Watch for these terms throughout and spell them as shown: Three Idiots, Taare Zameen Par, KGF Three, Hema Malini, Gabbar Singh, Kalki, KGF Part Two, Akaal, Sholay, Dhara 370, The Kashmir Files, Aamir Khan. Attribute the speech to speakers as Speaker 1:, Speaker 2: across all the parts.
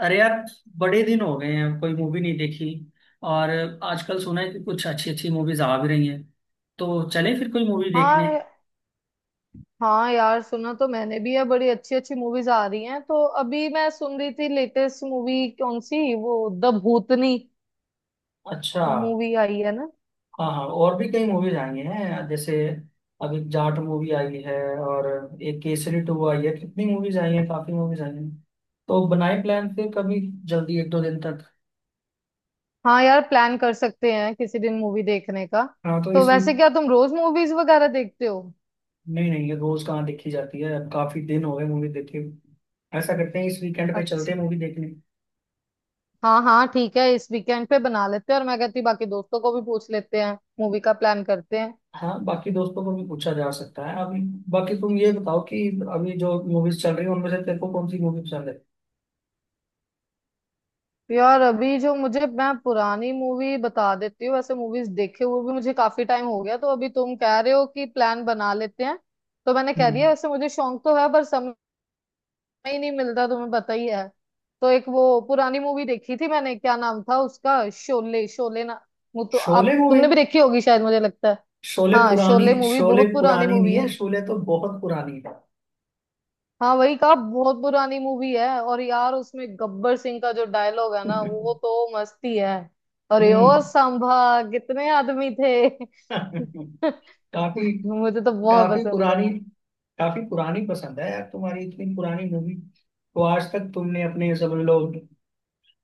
Speaker 1: अरे यार, बड़े दिन हो गए हैं, कोई मूवी नहीं देखी। और आजकल सुना है कि कुछ अच्छी अच्छी मूवीज आ भी रही हैं, तो चले फिर कोई मूवी देखने।
Speaker 2: हाँ हाँ, यार सुना तो मैंने भी है। बड़ी अच्छी अच्छी मूवीज आ रही हैं। तो अभी मैं सुन रही थी, लेटेस्ट मूवी कौन सी, वो द भूतनी
Speaker 1: अच्छा।
Speaker 2: मूवी आई है ना।
Speaker 1: हाँ हाँ, और भी कई मूवीज आई हैं, जैसे अभी जाट मूवी आई है, और एक केसरी टू आई है। कितनी मूवीज आई हैं, काफी मूवीज आई हैं। तो बनाए प्लान फिर कभी, जल्दी एक दो दिन तक।
Speaker 2: हाँ यार, प्लान कर सकते हैं किसी दिन मूवी देखने का।
Speaker 1: हाँ, तो
Speaker 2: तो
Speaker 1: इस
Speaker 2: वैसे
Speaker 1: वीक।
Speaker 2: क्या तुम रोज मूवीज वगैरह देखते हो?
Speaker 1: नहीं नहीं, ये रोज कहाँ देखी जाती है, अब काफी दिन हो गए मूवी देखे। ऐसा करते हैं, इस वीकेंड पे चलते
Speaker 2: अच्छा।
Speaker 1: हैं मूवी देखने।
Speaker 2: हाँ हाँ, ठीक है, इस वीकेंड पे बना लेते हैं। और मैं कहती बाकी दोस्तों को भी पूछ लेते हैं, मूवी का प्लान करते हैं।
Speaker 1: हाँ, बाकी दोस्तों को भी पूछा जा सकता है अभी। बाकी तुम ये बताओ कि अभी जो मूवीज चल रही है, उनमें से तेरे को कौन सी मूवी पसंद है?
Speaker 2: यार, अभी जो मुझे मैं पुरानी मूवी बता देती हूँ। वैसे मूवीज देखे हुए भी मुझे काफी टाइम हो गया। तो अभी तुम कह रहे हो कि प्लान बना लेते हैं, तो मैंने कह दिया।
Speaker 1: हम्म।
Speaker 2: वैसे मुझे शौक तो है, पर समय ही नहीं मिलता, तुम्हें पता ही है। तो एक वो पुरानी मूवी देखी थी मैंने, क्या नाम था उसका, शोले। शोले ना, वो तो
Speaker 1: शोले
Speaker 2: आप
Speaker 1: मूवी?
Speaker 2: तुमने भी देखी होगी शायद, मुझे लगता है।
Speaker 1: शोले
Speaker 2: हाँ,
Speaker 1: पुरानी,
Speaker 2: शोले मूवी
Speaker 1: शोले
Speaker 2: बहुत पुरानी
Speaker 1: पुरानी नहीं
Speaker 2: मूवी है।
Speaker 1: है, शोले तो बहुत पुरानी है।
Speaker 2: हाँ, वही कहा, बहुत पुरानी मूवी है। और यार उसमें गब्बर सिंह का जो डायलॉग है ना, वो तो मस्ती है। अरे ओ
Speaker 1: हम्म।
Speaker 2: सांभा, कितने आदमी थे?
Speaker 1: काफी।
Speaker 2: मुझे तो बहुत
Speaker 1: काफी
Speaker 2: पसंद है।
Speaker 1: पुरानी। काफी पुरानी पसंद है यार तुम्हारी, इतनी पुरानी मूवी। तो आज तक तुमने अपने, समझ लो,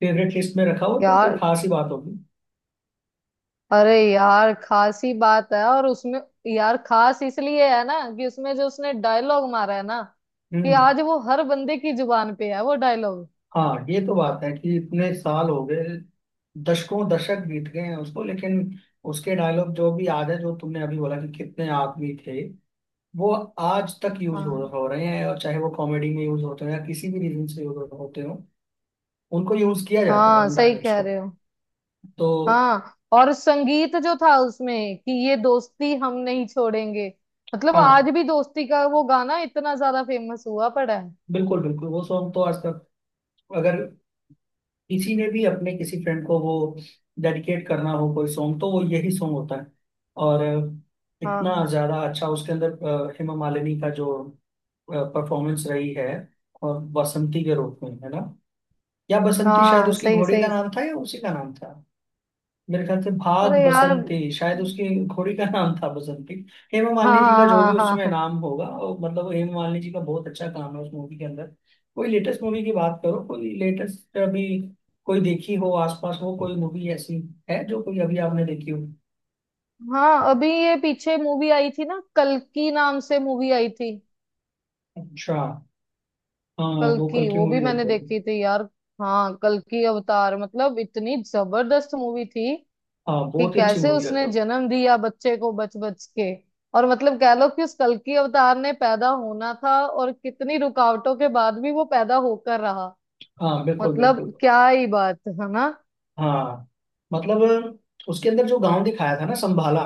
Speaker 1: फेवरेट लिस्ट में रखा हो तो कोई
Speaker 2: यार,
Speaker 1: खास ही बात होगी।
Speaker 2: अरे यार, खास ही बात है। और उसमें यार, खास इसलिए है ना कि उसमें जो उसने डायलॉग मारा है ना, कि
Speaker 1: हम्म।
Speaker 2: आज वो हर बंदे की जुबान पे है वो डायलॉग।
Speaker 1: हाँ, ये तो बात है कि इतने साल हो गए, दशकों दशक बीत गए हैं उसको, लेकिन उसके डायलॉग जो भी आज है, जो तुमने अभी बोला कि कितने आदमी थे, वो आज तक यूज
Speaker 2: हाँ।
Speaker 1: हो रहे हैं। और चाहे वो कॉमेडी में यूज होते हो, या किसी भी रीजन से यूज होते हो, उनको यूज किया जाता है,
Speaker 2: हाँ,
Speaker 1: उन
Speaker 2: सही
Speaker 1: डायलॉग्स
Speaker 2: कह
Speaker 1: को।
Speaker 2: रहे हो।
Speaker 1: तो
Speaker 2: हाँ, और संगीत जो था उसमें, कि ये दोस्ती हम नहीं छोड़ेंगे। मतलब
Speaker 1: हाँ,
Speaker 2: आज भी दोस्ती का वो गाना इतना ज्यादा फेमस हुआ पड़ा है।
Speaker 1: बिल्कुल बिल्कुल, वो सॉन्ग तो आज तक, अगर किसी ने भी अपने किसी फ्रेंड को वो डेडिकेट करना हो कोई सॉन्ग, तो वो यही सॉन्ग होता है। और इतना
Speaker 2: हाँ
Speaker 1: ज्यादा अच्छा उसके अंदर हेमा मालिनी का जो परफॉर्मेंस रही है, और बसंती के रूप में, है ना? या बसंती शायद
Speaker 2: हाँ,
Speaker 1: उसकी
Speaker 2: सही
Speaker 1: घोड़ी का
Speaker 2: सही।
Speaker 1: नाम था, या उसी का नाम था। मेरे ख्याल से भाग
Speaker 2: अरे यार।
Speaker 1: बसंती, शायद उसकी घोड़ी का नाम था बसंती। हेमा
Speaker 2: हाँ
Speaker 1: मालिनी जी का
Speaker 2: हाँ
Speaker 1: जो
Speaker 2: हाँ।
Speaker 1: भी
Speaker 2: हाँ
Speaker 1: उसमें
Speaker 2: हाँ
Speaker 1: नाम होगा, और मतलब हेमा मालिनी जी का बहुत अच्छा काम है उस मूवी के अंदर। कोई लेटेस्ट मूवी की बात करो, कोई लेटेस्ट अभी कोई देखी हो, आसपास हो कोई मूवी ऐसी, है जो कोई अभी आपने देखी हो?
Speaker 2: हाँ। अभी ये पीछे मूवी आई थी ना, कल्कि नाम से मूवी आई थी।
Speaker 1: अच्छा। हाँ, वो कल
Speaker 2: कल्कि
Speaker 1: की
Speaker 2: वो भी
Speaker 1: मूवी
Speaker 2: मैंने
Speaker 1: देखो।
Speaker 2: देखी थी यार। हाँ, कल्कि अवतार, मतलब इतनी जबरदस्त मूवी थी।
Speaker 1: हाँ,
Speaker 2: कि
Speaker 1: बहुत ही अच्छी
Speaker 2: कैसे
Speaker 1: मूवी है
Speaker 2: उसने
Speaker 1: तो।
Speaker 2: जन्म दिया बच्चे को, बच बच के। और मतलब कह लो कि उस कल्कि अवतार ने पैदा होना था, और कितनी रुकावटों के बाद भी वो पैदा होकर रहा।
Speaker 1: हाँ बिल्कुल बिल्कुल।
Speaker 2: मतलब क्या ही बात है ना।
Speaker 1: हाँ, मतलब उसके अंदर जो गांव दिखाया था ना, संभाला,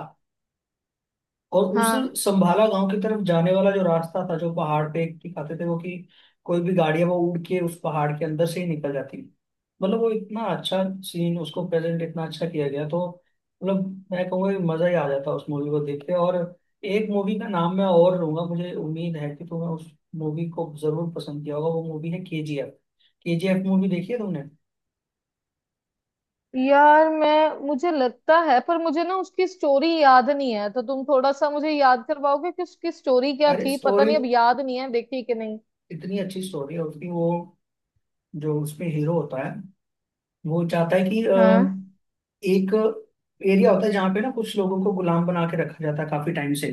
Speaker 1: और उस
Speaker 2: हाँ
Speaker 1: संभाला गांव की तरफ जाने वाला जो रास्ता था, जो पहाड़ पे दिखाते थे वो, कि कोई भी गाड़ियां वो उड़ के उस पहाड़ के अंदर से ही निकल जाती। मतलब वो इतना अच्छा सीन, उसको प्रेजेंट इतना अच्छा किया गया। तो मतलब मैं कहूँगा कि मजा ही आ जाता उस मूवी को देख के। और एक मूवी का नाम मैं और लूंगा, मुझे उम्मीद है कि तुम्हें उस मूवी को जरूर पसंद किया होगा। वो मूवी है के जी एफ। के जी एफ मूवी देखी है तुमने?
Speaker 2: यार, मैं मुझे लगता है, पर मुझे ना उसकी स्टोरी याद नहीं है। तो तुम थोड़ा सा मुझे याद करवाओगे कि उसकी स्टोरी क्या
Speaker 1: अरे,
Speaker 2: थी? पता
Speaker 1: स्टोरी
Speaker 2: नहीं, अब याद नहीं है, देखी कि नहीं।
Speaker 1: इतनी अच्छी स्टोरी है उसकी। वो जो उसमें हीरो होता है, वो चाहता है कि
Speaker 2: हाँ।
Speaker 1: एक एरिया होता है जहाँ पे ना कुछ लोगों को गुलाम बना के रखा जाता है काफी टाइम से।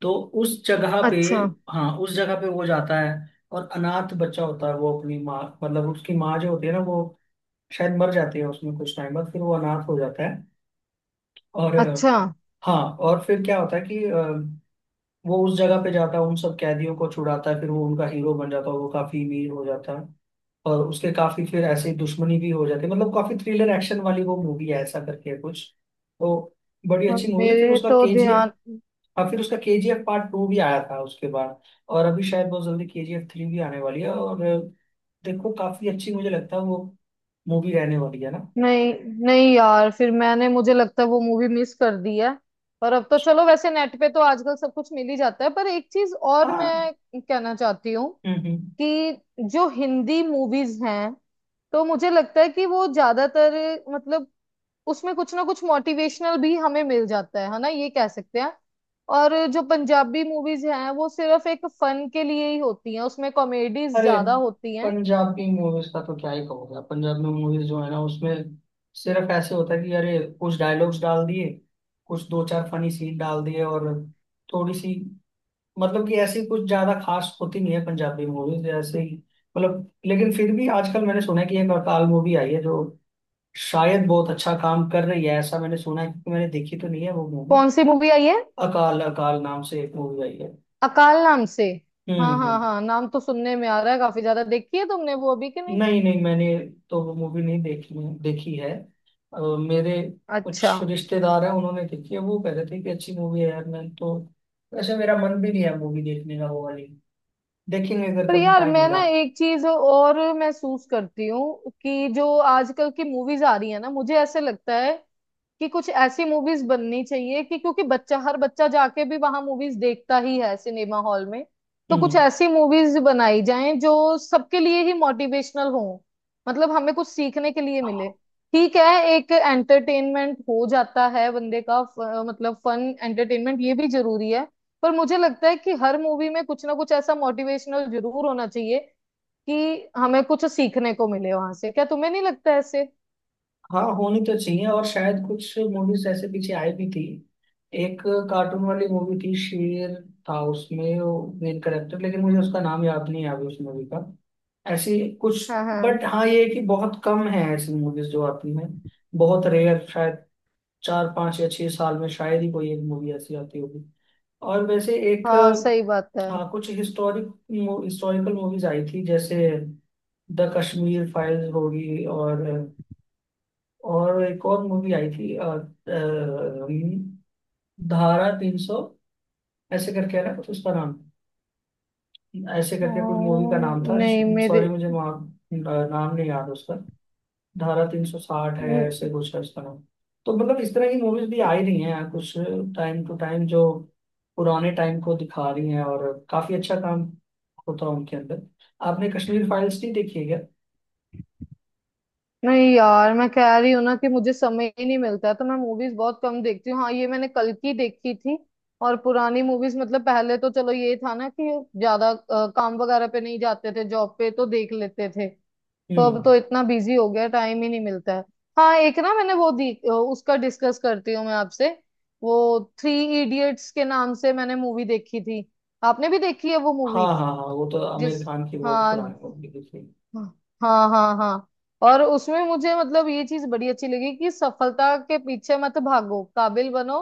Speaker 1: तो उस जगह पे,
Speaker 2: अच्छा।
Speaker 1: हाँ उस जगह पे वो जाता है। और अनाथ बच्चा होता है, वो अपनी माँ, मतलब उसकी माँ जो होती है ना, वो शायद मर जाती है उसमें, कुछ टाइम बाद फिर वो अनाथ हो जाता है। और
Speaker 2: अच्छा।
Speaker 1: हाँ, और फिर क्या होता है कि वो उस जगह पे जाता है, उन सब कैदियों को छुड़ाता है, फिर वो उनका हीरो बन जाता है, वो काफी अमीर हो जाता है। और उसके काफी फिर ऐसे ही दुश्मनी भी हो जाती है, मतलब काफी थ्रिलर एक्शन वाली वो मूवी है, ऐसा करके है कुछ। तो बड़ी
Speaker 2: हाँ,
Speaker 1: अच्छी मूवी, फिर
Speaker 2: मेरे
Speaker 1: उसका
Speaker 2: तो
Speaker 1: केजीएफ,
Speaker 2: ध्यान
Speaker 1: अब फिर उसका केजीएफ पार्ट टू भी आया था उसके बाद। और अभी शायद बहुत जल्दी केजीएफ थ्री भी आने वाली है। और देखो, काफी अच्छी मुझे लगता है वो मूवी रहने वाली है ना।
Speaker 2: नहीं। नहीं यार, फिर मैंने मुझे लगता है वो मूवी मिस कर दी है। पर अब तो चलो, वैसे नेट पे तो आजकल सब कुछ मिल ही जाता है। पर एक चीज और
Speaker 1: हाँ।
Speaker 2: मैं कहना चाहती हूँ
Speaker 1: हम्म।
Speaker 2: कि जो हिंदी मूवीज हैं, तो मुझे लगता है कि वो ज्यादातर, मतलब उसमें कुछ ना कुछ मोटिवेशनल भी हमें मिल जाता है ना, ये कह सकते हैं। और जो पंजाबी मूवीज हैं वो सिर्फ एक फन के लिए ही होती हैं, उसमें कॉमेडीज
Speaker 1: अरे,
Speaker 2: ज्यादा होती हैं।
Speaker 1: पंजाबी मूवीज का तो क्या ही कहोगे आप। पंजाबी मूवीज जो है ना, उसमें सिर्फ ऐसे होता है कि अरे कुछ डायलॉग्स डाल दिए, कुछ दो चार फनी सीन डाल दिए, और थोड़ी सी, मतलब कि ऐसी कुछ ज्यादा खास होती नहीं है पंजाबी मूवीज, ऐसे ही। मतलब लेकिन फिर भी आजकल मैंने सुना है कि एक अकाल मूवी आई है, जो शायद बहुत अच्छा काम कर रही है, ऐसा मैंने सुना है, क्योंकि मैंने देखी तो नहीं है वो मूवी।
Speaker 2: कौन सी मूवी आई है?
Speaker 1: अकाल, अकाल नाम से एक मूवी आई है।
Speaker 2: अकाल नाम से? हाँ हाँ
Speaker 1: हम्म।
Speaker 2: हाँ, नाम तो सुनने में आ रहा है काफी ज्यादा। देखी है तुमने वो अभी कि नहीं?
Speaker 1: नहीं नहीं, मैंने तो वो मूवी नहीं देखी। देखी है मेरे
Speaker 2: अच्छा।
Speaker 1: कुछ रिश्तेदार हैं, उन्होंने देखी है। वो कह रहे थे कि अच्छी मूवी है यार। मैं तो वैसे मेरा मन भी नहीं है मूवी देखने का वो वाली। देखेंगे अगर
Speaker 2: पर
Speaker 1: कभी
Speaker 2: यार
Speaker 1: टाइम
Speaker 2: मैं
Speaker 1: मिला।
Speaker 2: ना एक चीज और महसूस करती हूँ कि जो आजकल की मूवीज आ रही है ना, मुझे ऐसे लगता है कि कुछ ऐसी मूवीज बननी चाहिए, कि क्योंकि बच्चा हर बच्चा जाके भी वहां मूवीज देखता ही है सिनेमा हॉल में। तो कुछ
Speaker 1: हम्म।
Speaker 2: ऐसी मूवीज बनाई जाएं जो सबके लिए ही मोटिवेशनल हो, मतलब हमें कुछ सीखने के लिए मिले। ठीक है, एक एंटरटेनमेंट हो जाता है बंदे का, मतलब फन एंटरटेनमेंट ये भी जरूरी है। पर मुझे लगता है कि हर मूवी में कुछ ना कुछ ऐसा मोटिवेशनल जरूर होना चाहिए कि हमें कुछ सीखने को मिले वहां से। क्या तुम्हें नहीं लगता ऐसे?
Speaker 1: हाँ, होनी तो चाहिए, और शायद कुछ मूवीज ऐसे पीछे आई भी थी। एक कार्टून वाली मूवी थी, शेर था उसमें वो मेन करेक्टर, लेकिन मुझे उसका नाम याद नहीं है अभी उस मूवी का। ऐसी कुछ,
Speaker 2: हाँ
Speaker 1: बट
Speaker 2: हाँ
Speaker 1: हाँ, ये है कि बहुत कम है ऐसी मूवीज जो आती हैं। बहुत रेयर, शायद चार पांच या छह साल में शायद ही कोई एक मूवी ऐसी आती होगी। और वैसे एक,
Speaker 2: हाँ, सही बात है।
Speaker 1: हाँ कुछ हिस्टोरिक, हिस्टोरिकल मूवीज आई थी, जैसे द कश्मीर फाइल्स होगी, और एक और मूवी आई थी धारा 300, ऐसे करके है ना कुछ उसका नाम, ऐसे करके कुछ मूवी का नाम
Speaker 2: हाँ,
Speaker 1: था।
Speaker 2: नहीं मेरे।
Speaker 1: सॉरी, मुझे अ, नाम नहीं याद उसका। धारा 360 है, ऐसे कुछ है उसका नाम। तो मतलब इस तरह की मूवीज भी आ ही रही हैं यार कुछ, टाइम टू टाइम, जो पुराने टाइम को दिखा रही हैं, और काफी अच्छा काम होता है उनके अंदर। आपने कश्मीर फाइल्स नहीं देखी है क्या?
Speaker 2: नहीं यार, मैं कह रही हूँ ना कि मुझे समय ही नहीं मिलता है, तो मैं मूवीज बहुत कम देखती हूँ। हाँ, ये मैंने कल की देखी थी। और पुरानी मूवीज, मतलब पहले तो चलो ये था ना कि ज्यादा काम वगैरह पे नहीं जाते थे, जॉब पे तो देख लेते थे। तो अब
Speaker 1: हम्म।
Speaker 2: तो इतना बिजी हो गया, टाइम ही नहीं मिलता है। हाँ, एक ना मैंने वो दी अ, उसका डिस्कस करती हूँ मैं आपसे, वो थ्री इडियट्स के नाम से मैंने मूवी देखी थी। आपने भी देखी है वो
Speaker 1: हाँ
Speaker 2: मूवी?
Speaker 1: हाँ हाँ, वो तो आमिर
Speaker 2: जिस
Speaker 1: खान की बहुत पुरानी
Speaker 2: हाँ
Speaker 1: मूवी देखी।
Speaker 2: हाँ हाँ। हाँ हाँ। और उसमें मुझे मतलब ये चीज बड़ी अच्छी लगी कि सफलता के पीछे मत भागो, काबिल बनो,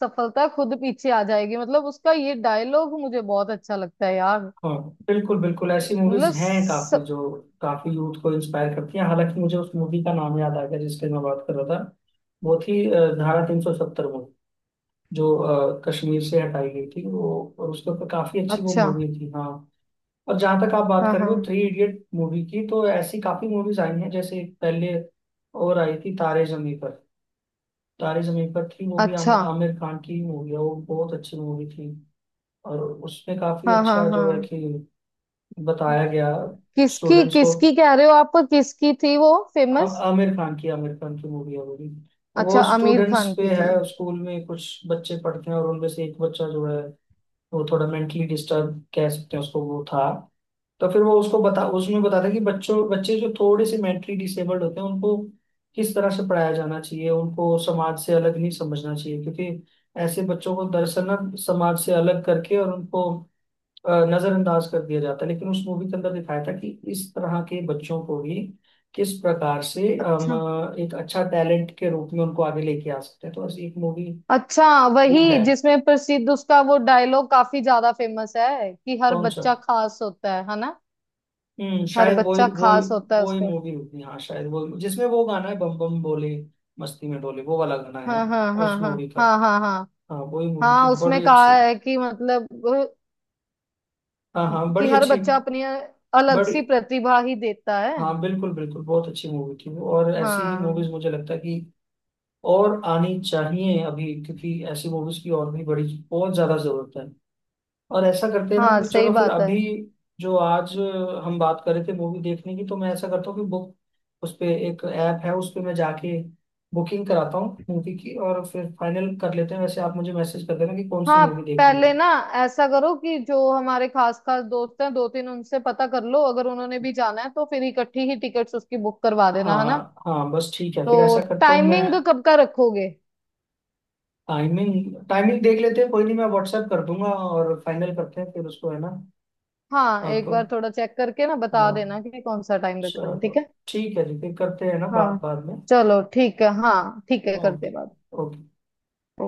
Speaker 2: सफलता खुद पीछे आ जाएगी। मतलब उसका ये डायलॉग मुझे बहुत अच्छा लगता है यार।
Speaker 1: हाँ बिल्कुल बिल्कुल, ऐसी
Speaker 2: मतलब
Speaker 1: मूवीज हैं काफी जो काफी यूथ को इंस्पायर करती हैं। हालांकि मुझे उस मूवी का नाम याद आ गया जिसके मैं बात कर रहा था। वो थी धारा 370, जो कश्मीर से हटाई गई थी वो, और उसके ऊपर काफी अच्छी वो
Speaker 2: अच्छा।
Speaker 1: मूवी थी, हाँ। और जहाँ तक आप बात
Speaker 2: हाँ
Speaker 1: कर रहे हो
Speaker 2: हाँ।
Speaker 1: थ्री इडियट मूवी की, तो ऐसी काफी मूवीज आई हैं, जैसे पहले और आई थी तारे जमी पर। तारे जमी पर थी मूवी,
Speaker 2: अच्छा।
Speaker 1: आमिर खान की मूवी है वो, बहुत अच्छी मूवी थी। और उसमें काफी
Speaker 2: हाँ हाँ
Speaker 1: अच्छा जो है
Speaker 2: हाँ।
Speaker 1: कि बताया गया
Speaker 2: किसकी
Speaker 1: स्टूडेंट्स को।
Speaker 2: किसकी कह रहे हो आप? किसकी थी वो फेमस?
Speaker 1: आमिर खान की, आमिर खान की मूवी है वो भी।
Speaker 2: अच्छा,
Speaker 1: वो
Speaker 2: आमिर
Speaker 1: स्टूडेंट्स
Speaker 2: खान
Speaker 1: पे
Speaker 2: की
Speaker 1: है,
Speaker 2: थी?
Speaker 1: स्कूल में कुछ बच्चे पढ़ते हैं, और उनमें से एक बच्चा जो है, वो थोड़ा मेंटली डिस्टर्ब कह सकते हैं उसको, वो था। तो फिर वो उसको बता, उसमें बताता है कि बच्चों, बच्चे जो थोड़े से मेंटली डिसेबल्ड होते हैं उनको किस तरह से पढ़ाया जाना चाहिए, उनको समाज से अलग नहीं समझना चाहिए। क्योंकि ऐसे बच्चों को दरअसल ना समाज से अलग करके और उनको नजरअंदाज कर दिया जाता है। लेकिन उस मूवी के अंदर दिखाया था कि इस तरह के बच्चों को भी किस प्रकार से हम
Speaker 2: अच्छा।
Speaker 1: एक अच्छा टैलेंट के रूप में उनको आगे लेके आ सकते हैं। तो ऐसी एक मूवी,
Speaker 2: अच्छा,
Speaker 1: वो
Speaker 2: वही
Speaker 1: है।
Speaker 2: जिसमें प्रसिद्ध उसका वो डायलॉग काफी ज्यादा फेमस है कि हर
Speaker 1: कौन सा?
Speaker 2: बच्चा खास होता है ना?
Speaker 1: हम्म,
Speaker 2: हर
Speaker 1: शायद वही
Speaker 2: बच्चा
Speaker 1: वही,
Speaker 2: खास होता है
Speaker 1: वही
Speaker 2: उसके।
Speaker 1: मूवी होगी हाँ, शायद वो जिसमें वो गाना है, बम बम बोले मस्ती में डोले, वो वाला गाना है
Speaker 2: हाँ हाँ हाँ
Speaker 1: उस
Speaker 2: हाँ।
Speaker 1: मूवी का।
Speaker 2: हाँ हाँ हाँ
Speaker 1: हाँ, वही मूवी थी,
Speaker 2: हाँ। उसमें
Speaker 1: बड़ी
Speaker 2: कहा
Speaker 1: अच्छी।
Speaker 2: है कि मतलब अ,
Speaker 1: हाँ हाँ,
Speaker 2: कि
Speaker 1: बड़ी
Speaker 2: हर
Speaker 1: अच्छी।
Speaker 2: बच्चा अपनी अलग
Speaker 1: बड़ी,
Speaker 2: सी प्रतिभा ही देता है।
Speaker 1: हाँ बिल्कुल बिल्कुल, बहुत अच्छी मूवी थी वो। और ऐसी ही
Speaker 2: हाँ
Speaker 1: मूवीज मुझे लगता है कि और आनी चाहिए अभी, क्योंकि ऐसी मूवीज की और भी बड़ी, बहुत ज्यादा जरूरत है। और ऐसा करते हैं ना
Speaker 2: हाँ,
Speaker 1: कि
Speaker 2: सही
Speaker 1: चलो फिर
Speaker 2: बात है।
Speaker 1: अभी, जो आज हम बात कर रहे थे मूवी देखने की, तो मैं ऐसा करता हूँ कि बुक, उस पे एक ऐप है, उस पे मैं जाके बुकिंग कराता हूँ मूवी की, और फिर फाइनल कर लेते हैं। वैसे आप मुझे मैसेज कर देना कि कौन सी
Speaker 2: हाँ,
Speaker 1: मूवी देखनी है।
Speaker 2: पहले ना ऐसा करो कि जो हमारे खास खास दोस्त हैं, दो तीन, उनसे पता कर लो। अगर उन्होंने भी जाना है तो फिर इकट्ठी ही टिकट्स उसकी बुक करवा देना, है ना?
Speaker 1: हाँ हाँ बस, ठीक है, फिर
Speaker 2: तो
Speaker 1: ऐसा करता हूँ मैं।
Speaker 2: टाइमिंग कब का रखोगे?
Speaker 1: टाइमिंग, टाइमिंग देख लेते हैं कोई नहीं, मैं व्हाट्सएप कर दूंगा और फाइनल करते हैं फिर उसको, है ना?
Speaker 2: हाँ, एक
Speaker 1: आपको,
Speaker 2: बार थोड़ा चेक करके ना बता देना
Speaker 1: हाँ।
Speaker 2: कि कौन सा टाइम रखना है,
Speaker 1: चलो,
Speaker 2: ठीक है?
Speaker 1: ठीक है जी, फिर करते हैं ना बात
Speaker 2: हाँ,
Speaker 1: बाद में।
Speaker 2: चलो ठीक है। हाँ ठीक है,
Speaker 1: ओके।
Speaker 2: करते बात।
Speaker 1: ओके।
Speaker 2: ओ-